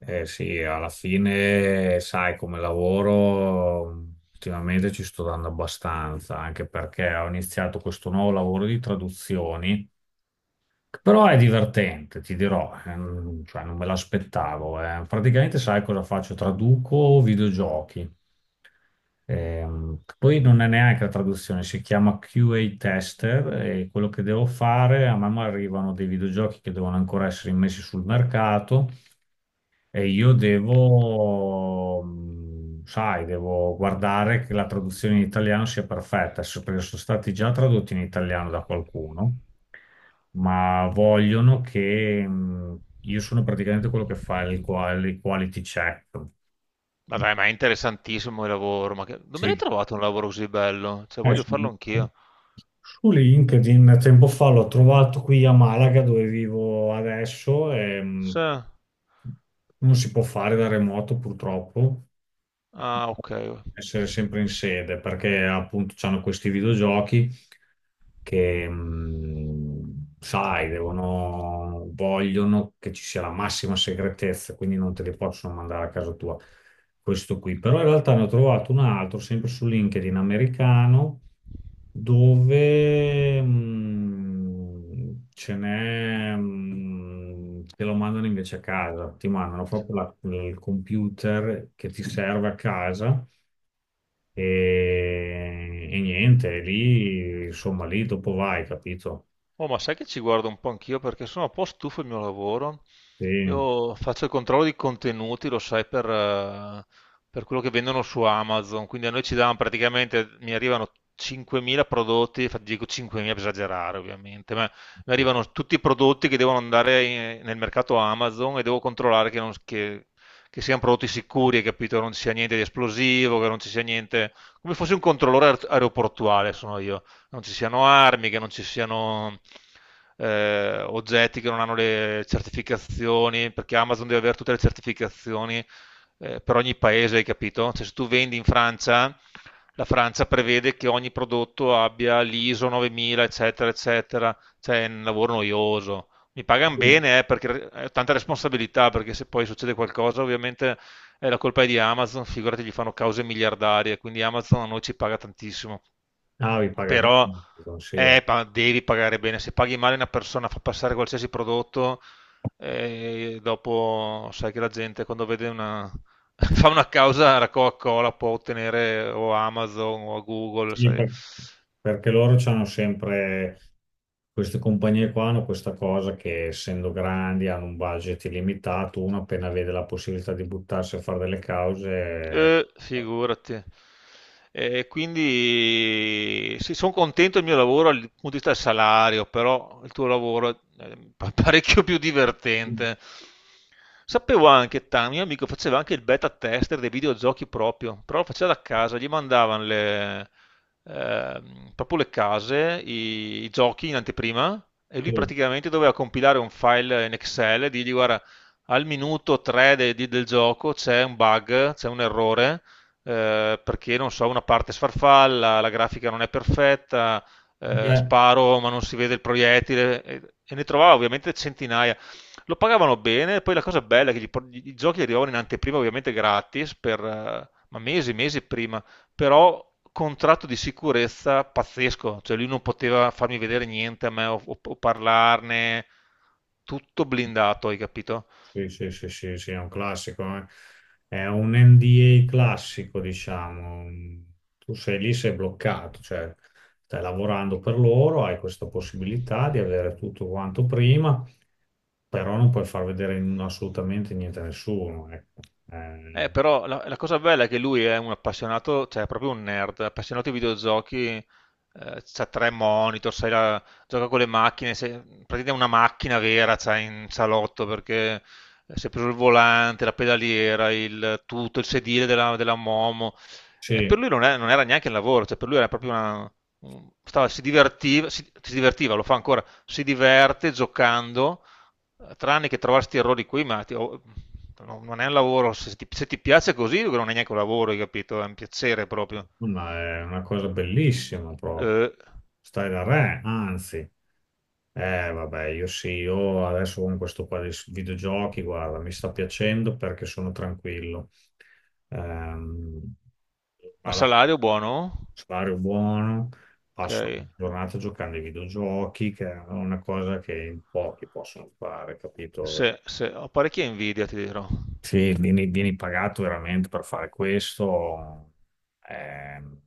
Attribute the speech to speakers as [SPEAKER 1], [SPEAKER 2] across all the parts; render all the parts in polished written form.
[SPEAKER 1] Eh sì, alla fine, sai, come lavoro ultimamente ci sto dando abbastanza, anche perché ho iniziato questo nuovo lavoro di traduzioni, che però è divertente, ti dirò, cioè non me l'aspettavo. Eh. Praticamente sai cosa faccio? Traduco videogiochi. Poi non è neanche la traduzione, si chiama QA tester e quello che devo fare, a man mano arrivano dei videogiochi che devono ancora essere immessi sul mercato e io devo, sai, devo guardare che la traduzione in italiano sia perfetta, perché sono stati già tradotti in italiano da qualcuno, ma vogliono che, io sono praticamente quello che fa il il quality check.
[SPEAKER 2] Vabbè, ma è interessantissimo il lavoro. Ma che... Non me ne hai
[SPEAKER 1] Sì.
[SPEAKER 2] trovato un lavoro così bello? Cioè,
[SPEAKER 1] Eh,
[SPEAKER 2] voglio
[SPEAKER 1] su,
[SPEAKER 2] farlo anch'io.
[SPEAKER 1] su LinkedIn tempo fa l'ho trovato qui a Malaga dove vivo adesso e
[SPEAKER 2] Sì.
[SPEAKER 1] non si può fare da remoto purtroppo.
[SPEAKER 2] Ah, ok.
[SPEAKER 1] Essere sempre in sede perché appunto c'hanno questi videogiochi che sai, devono, vogliono che ci sia la massima segretezza, quindi non te li possono mandare a casa tua. Questo qui, però in realtà ne ho trovato un altro sempre su LinkedIn americano dove ce n'è, te lo mandano invece a casa, ti mandano proprio il computer che ti serve a casa e, niente, lì, insomma, lì dopo vai, capito?
[SPEAKER 2] Oh, ma sai che ci guardo un po' anch'io perché sono un po' stufo del mio lavoro.
[SPEAKER 1] Sì.
[SPEAKER 2] Io faccio il controllo di contenuti, lo sai, per quello che vendono su Amazon. Quindi a noi ci danno praticamente, mi arrivano 5.000 prodotti, infatti dico 5.000 per esagerare ovviamente, ma mi
[SPEAKER 1] Sì.
[SPEAKER 2] arrivano tutti i prodotti che devono andare nel mercato Amazon e devo controllare che, che siano prodotti sicuri, hai capito? Non ci sia niente di esplosivo, che non ci sia niente... Come fosse un controllore aeroportuale sono io, non ci siano armi, che non ci siano oggetti che non hanno le certificazioni, perché Amazon deve avere tutte le certificazioni per ogni paese, hai capito? Cioè, se tu vendi in Francia, la Francia prevede che ogni prodotto abbia l'ISO 9000, eccetera, eccetera. Cioè, è un lavoro noioso. Mi pagano
[SPEAKER 1] Sì,
[SPEAKER 2] bene, perché è tanta responsabilità, perché se poi succede qualcosa, ovviamente la colpa è di Amazon, figurati, gli fanno cause miliardarie, quindi Amazon a noi ci paga tantissimo,
[SPEAKER 1] ah, vi paga bene,
[SPEAKER 2] però
[SPEAKER 1] Amazon, sì.
[SPEAKER 2] devi pagare bene. Se paghi male una persona, fa passare qualsiasi prodotto, dopo sai che la gente quando vede una... fa una causa alla Coca-Cola, può ottenere o Amazon o a Google,
[SPEAKER 1] Sì,
[SPEAKER 2] sai.
[SPEAKER 1] per- perché loro hanno sempre, queste compagnie qua hanno questa cosa che essendo grandi hanno un budget illimitato, uno appena vede la possibilità di buttarsi a fare delle cause. Eh,
[SPEAKER 2] Figurati. E quindi sì, sono contento del mio lavoro dal punto di vista del salario, però il tuo lavoro è parecchio più divertente. Sapevo anche, Tami, mio amico faceva anche il beta tester dei videogiochi proprio, però lo faceva da casa, gli mandavano le, proprio le case, i giochi in anteprima e lui
[SPEAKER 1] sì,
[SPEAKER 2] praticamente doveva compilare un file in Excel e dirgli guarda, al minuto 3 del gioco c'è un bug, c'è un errore, perché non so, una parte sfarfalla, la grafica non è perfetta,
[SPEAKER 1] sì, eh,
[SPEAKER 2] sparo ma non si vede il proiettile e ne trovavo ovviamente centinaia. Lo pagavano bene, poi la cosa bella è che i giochi arrivavano in anteprima ovviamente gratis per ma mesi, mesi prima, però contratto di sicurezza pazzesco, cioè lui non poteva farmi vedere niente a me o parlarne, tutto blindato, hai capito?
[SPEAKER 1] sì, sì, sì, sì, sì, è un classico, eh. È un NDA classico, diciamo. Tu sei lì, sei bloccato, cioè stai lavorando per loro, hai questa possibilità di avere tutto quanto prima, però non puoi far vedere assolutamente niente a nessuno, ecco.
[SPEAKER 2] Però la cosa bella è che lui è un appassionato, cioè è proprio un nerd, appassionato di videogiochi, c'ha tre monitor, sai, gioca con le macchine, praticamente è una macchina vera, c'ha in salotto perché si è preso il volante, la pedaliera, il tutto, il sedile della Momo.
[SPEAKER 1] Sì,
[SPEAKER 2] Per lui non era neanche il lavoro, cioè per lui era proprio una... si divertiva, si divertiva, lo fa ancora, si diverte giocando, tranne che trovarsi questi errori qui, ma oh, no, non è un lavoro, se ti, se ti piace così non è neanche un lavoro, hai capito? È un piacere proprio.
[SPEAKER 1] ma è una cosa bellissima proprio.
[SPEAKER 2] Eh,
[SPEAKER 1] Stai da re, anzi. Vabbè, io sì, io adesso con questo qua di videogiochi, guarda, mi sta piacendo perché sono tranquillo. Ehm,
[SPEAKER 2] ma
[SPEAKER 1] ma
[SPEAKER 2] salario buono?
[SPEAKER 1] salario buono,
[SPEAKER 2] Ok,
[SPEAKER 1] passo la giornata giocando ai videogiochi, che è una cosa che in pochi possono fare, capito?
[SPEAKER 2] ho parecchia invidia, ti dirò.
[SPEAKER 1] Sì, vieni pagato veramente per fare questo. ehm,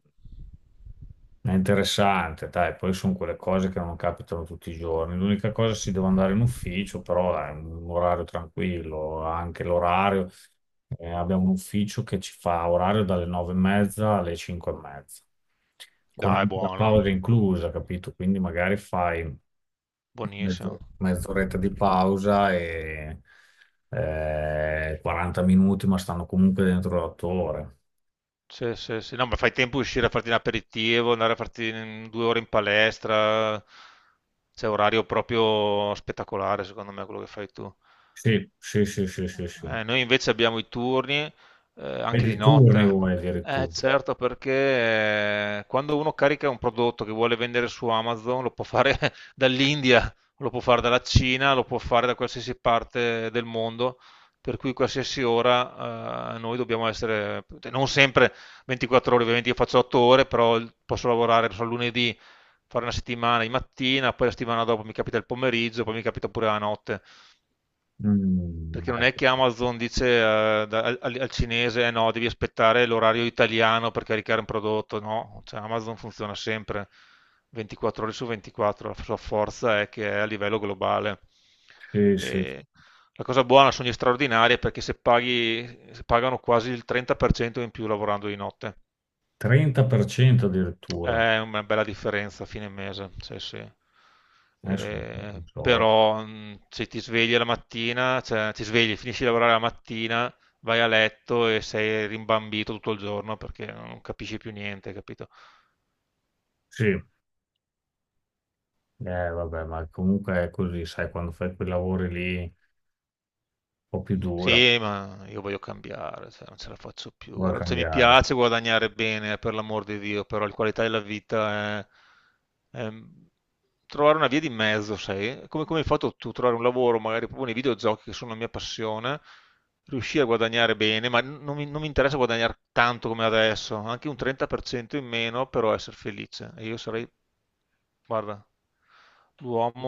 [SPEAKER 1] È interessante, dai, poi sono quelle cose che non capitano tutti i giorni. L'unica cosa si devo andare in ufficio, però è un orario tranquillo, anche l'orario. Eh, abbiamo un ufficio che ci fa orario dalle nove e mezza alle cinque e mezza, con
[SPEAKER 2] Dai,
[SPEAKER 1] anche la
[SPEAKER 2] buono,
[SPEAKER 1] pausa inclusa, capito? Quindi magari fai
[SPEAKER 2] buonissimo.
[SPEAKER 1] mezz'oretta di pausa e 40 minuti, ma stanno comunque dentro le 8 ore.
[SPEAKER 2] Sì, sì, sì. No, ma fai tempo a uscire a farti un aperitivo, andare a farti 2 ore in palestra. C'è orario proprio spettacolare, secondo me, quello che fai tu.
[SPEAKER 1] Sì, sì, sì, sì, sì, sì.
[SPEAKER 2] Noi invece abbiamo i turni
[SPEAKER 1] E
[SPEAKER 2] anche di
[SPEAKER 1] di turni
[SPEAKER 2] notte.
[SPEAKER 1] vuoi addirittura.
[SPEAKER 2] Certo, perché quando uno carica un prodotto che vuole vendere su Amazon, lo può fare dall'India, lo può fare dalla Cina, lo può fare da qualsiasi parte del mondo, per cui qualsiasi ora noi dobbiamo essere, non sempre 24 ore, ovviamente io faccio 8 ore, però posso lavorare, non so, lunedì, fare una settimana di mattina, poi la settimana dopo mi capita il pomeriggio, poi mi capita pure la notte.
[SPEAKER 1] Mm,
[SPEAKER 2] Perché non è che Amazon dice al cinese, eh no, devi aspettare l'orario italiano per caricare un prodotto, no, cioè Amazon funziona sempre 24 ore su 24, la sua forza è che è a livello globale.
[SPEAKER 1] sì, sì,
[SPEAKER 2] E la cosa buona sono gli straordinari perché se pagano quasi il 30% in più lavorando di notte.
[SPEAKER 1] 30% addirittura.
[SPEAKER 2] È una bella differenza a fine mese, sì, sì.
[SPEAKER 1] Adesso non so, non so.
[SPEAKER 2] Però se ti svegli la mattina, cioè ti svegli, finisci di lavorare la mattina, vai a letto e sei rimbambito tutto il giorno perché non capisci più niente, capito?
[SPEAKER 1] Sì, vabbè, ma comunque è così, sai, quando fai quei lavori lì un po' più dura,
[SPEAKER 2] Sì, ma io voglio cambiare, cioè, non ce la faccio più.
[SPEAKER 1] vuoi
[SPEAKER 2] Guarda, cioè, mi
[SPEAKER 1] cambiare.
[SPEAKER 2] piace guadagnare bene, per l'amor di Dio, però la qualità della vita è trovare una via di mezzo, sai? Come, come hai fatto tu, trovare un lavoro, magari proprio nei videogiochi che sono la mia passione, riuscire a guadagnare bene, ma non mi interessa guadagnare tanto come adesso, anche un 30% in meno, però essere felice. E io sarei, guarda,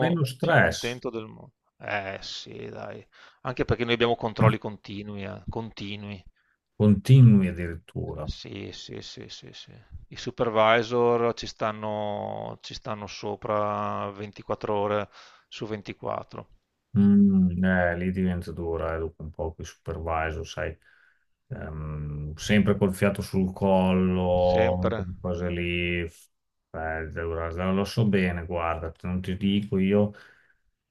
[SPEAKER 1] Meno
[SPEAKER 2] più
[SPEAKER 1] stress,
[SPEAKER 2] contento del mondo. Eh sì, dai. Anche perché noi abbiamo controlli continui, continui.
[SPEAKER 1] continui addirittura.
[SPEAKER 2] Sì, sì, sì, sì, sì. I supervisor ci stanno sopra 24 ore su 24,
[SPEAKER 1] Mm, lì diventa dura dopo un po' che supervisor, sai, sempre col fiato sul collo,
[SPEAKER 2] sempre.
[SPEAKER 1] quelle cose lì, lo so bene, guarda, non ti dico io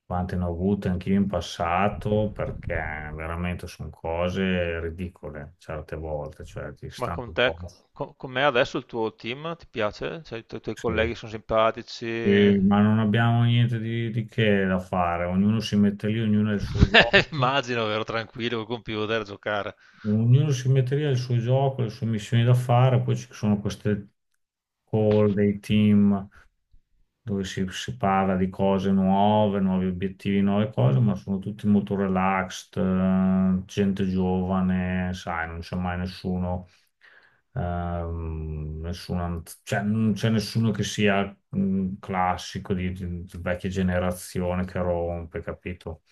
[SPEAKER 1] quante ne ho avute anch'io in passato, perché veramente sono cose ridicole certe volte, cioè ti
[SPEAKER 2] Ma
[SPEAKER 1] stanno
[SPEAKER 2] con
[SPEAKER 1] un
[SPEAKER 2] te,
[SPEAKER 1] po'.
[SPEAKER 2] me adesso il tuo team ti piace? Cioè, i tuoi
[SPEAKER 1] Sì.
[SPEAKER 2] colleghi sono simpatici?
[SPEAKER 1] Sì, ma non abbiamo niente di, che da fare, ognuno si mette lì, ognuno ha il suo gioco.
[SPEAKER 2] Immagino, vero, tranquillo col computer a giocare.
[SPEAKER 1] Ognuno si metteria il suo gioco, le sue missioni da fare, poi ci sono queste call dei team dove si parla di cose nuove, nuovi obiettivi, nuove cose, ma sono tutti molto relaxed, gente giovane, sai, non c'è mai nessuno, cioè, non c'è nessuno che sia mm, classico di, di vecchia generazione che rompe, capito?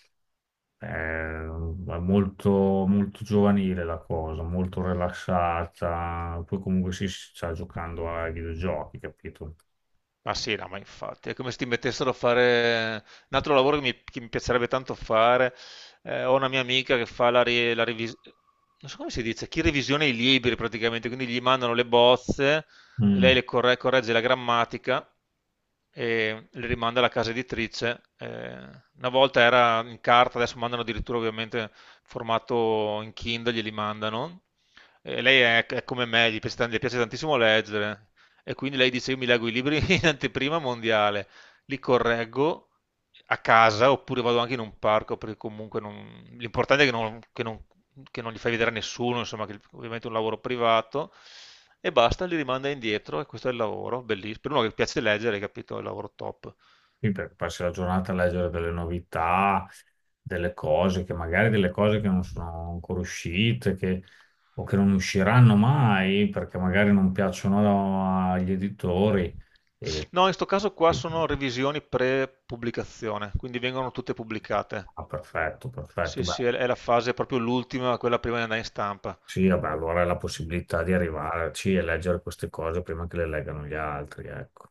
[SPEAKER 1] È molto, molto giovanile la cosa, molto rilassata. Poi comunque sì, si sta giocando ai videogiochi, capito?
[SPEAKER 2] Ma sì, no, ma infatti, è come se ti mettessero a fare un altro lavoro che che mi piacerebbe tanto fare. Ho una mia amica che fa la revisione, non so come si dice, chi revisiona i libri praticamente, quindi gli mandano le bozze, e lei
[SPEAKER 1] Mm.
[SPEAKER 2] corregge la grammatica e le rimanda alla casa editrice. Una volta era in carta, adesso mandano addirittura ovviamente formato in Kindle, glieli mandano. E lei è come me, gli piace, gli piace tantissimo leggere. E quindi lei dice: Io mi leggo i libri in anteprima mondiale, li correggo a casa oppure vado anche in un parco perché comunque l'importante è che che non li fai vedere a nessuno, insomma, che ovviamente è un lavoro privato e basta, li rimanda indietro e questo è il lavoro, bellissimo. Per uno che piace leggere, hai capito, è il lavoro top.
[SPEAKER 1] Passi la giornata a leggere delle novità, delle cose che magari delle cose che non sono ancora uscite, o che non usciranno mai perché magari non piacciono agli editori. E,
[SPEAKER 2] No, in questo caso qua sono revisioni pre-pubblicazione, quindi vengono tutte pubblicate.
[SPEAKER 1] ah, perfetto, perfetto.
[SPEAKER 2] Sì, sì,
[SPEAKER 1] Beh,
[SPEAKER 2] è la fase proprio l'ultima, quella prima di andare in stampa.
[SPEAKER 1] sì, vabbè, allora è la possibilità di arrivarci e leggere queste cose prima che le leggano gli altri, ecco.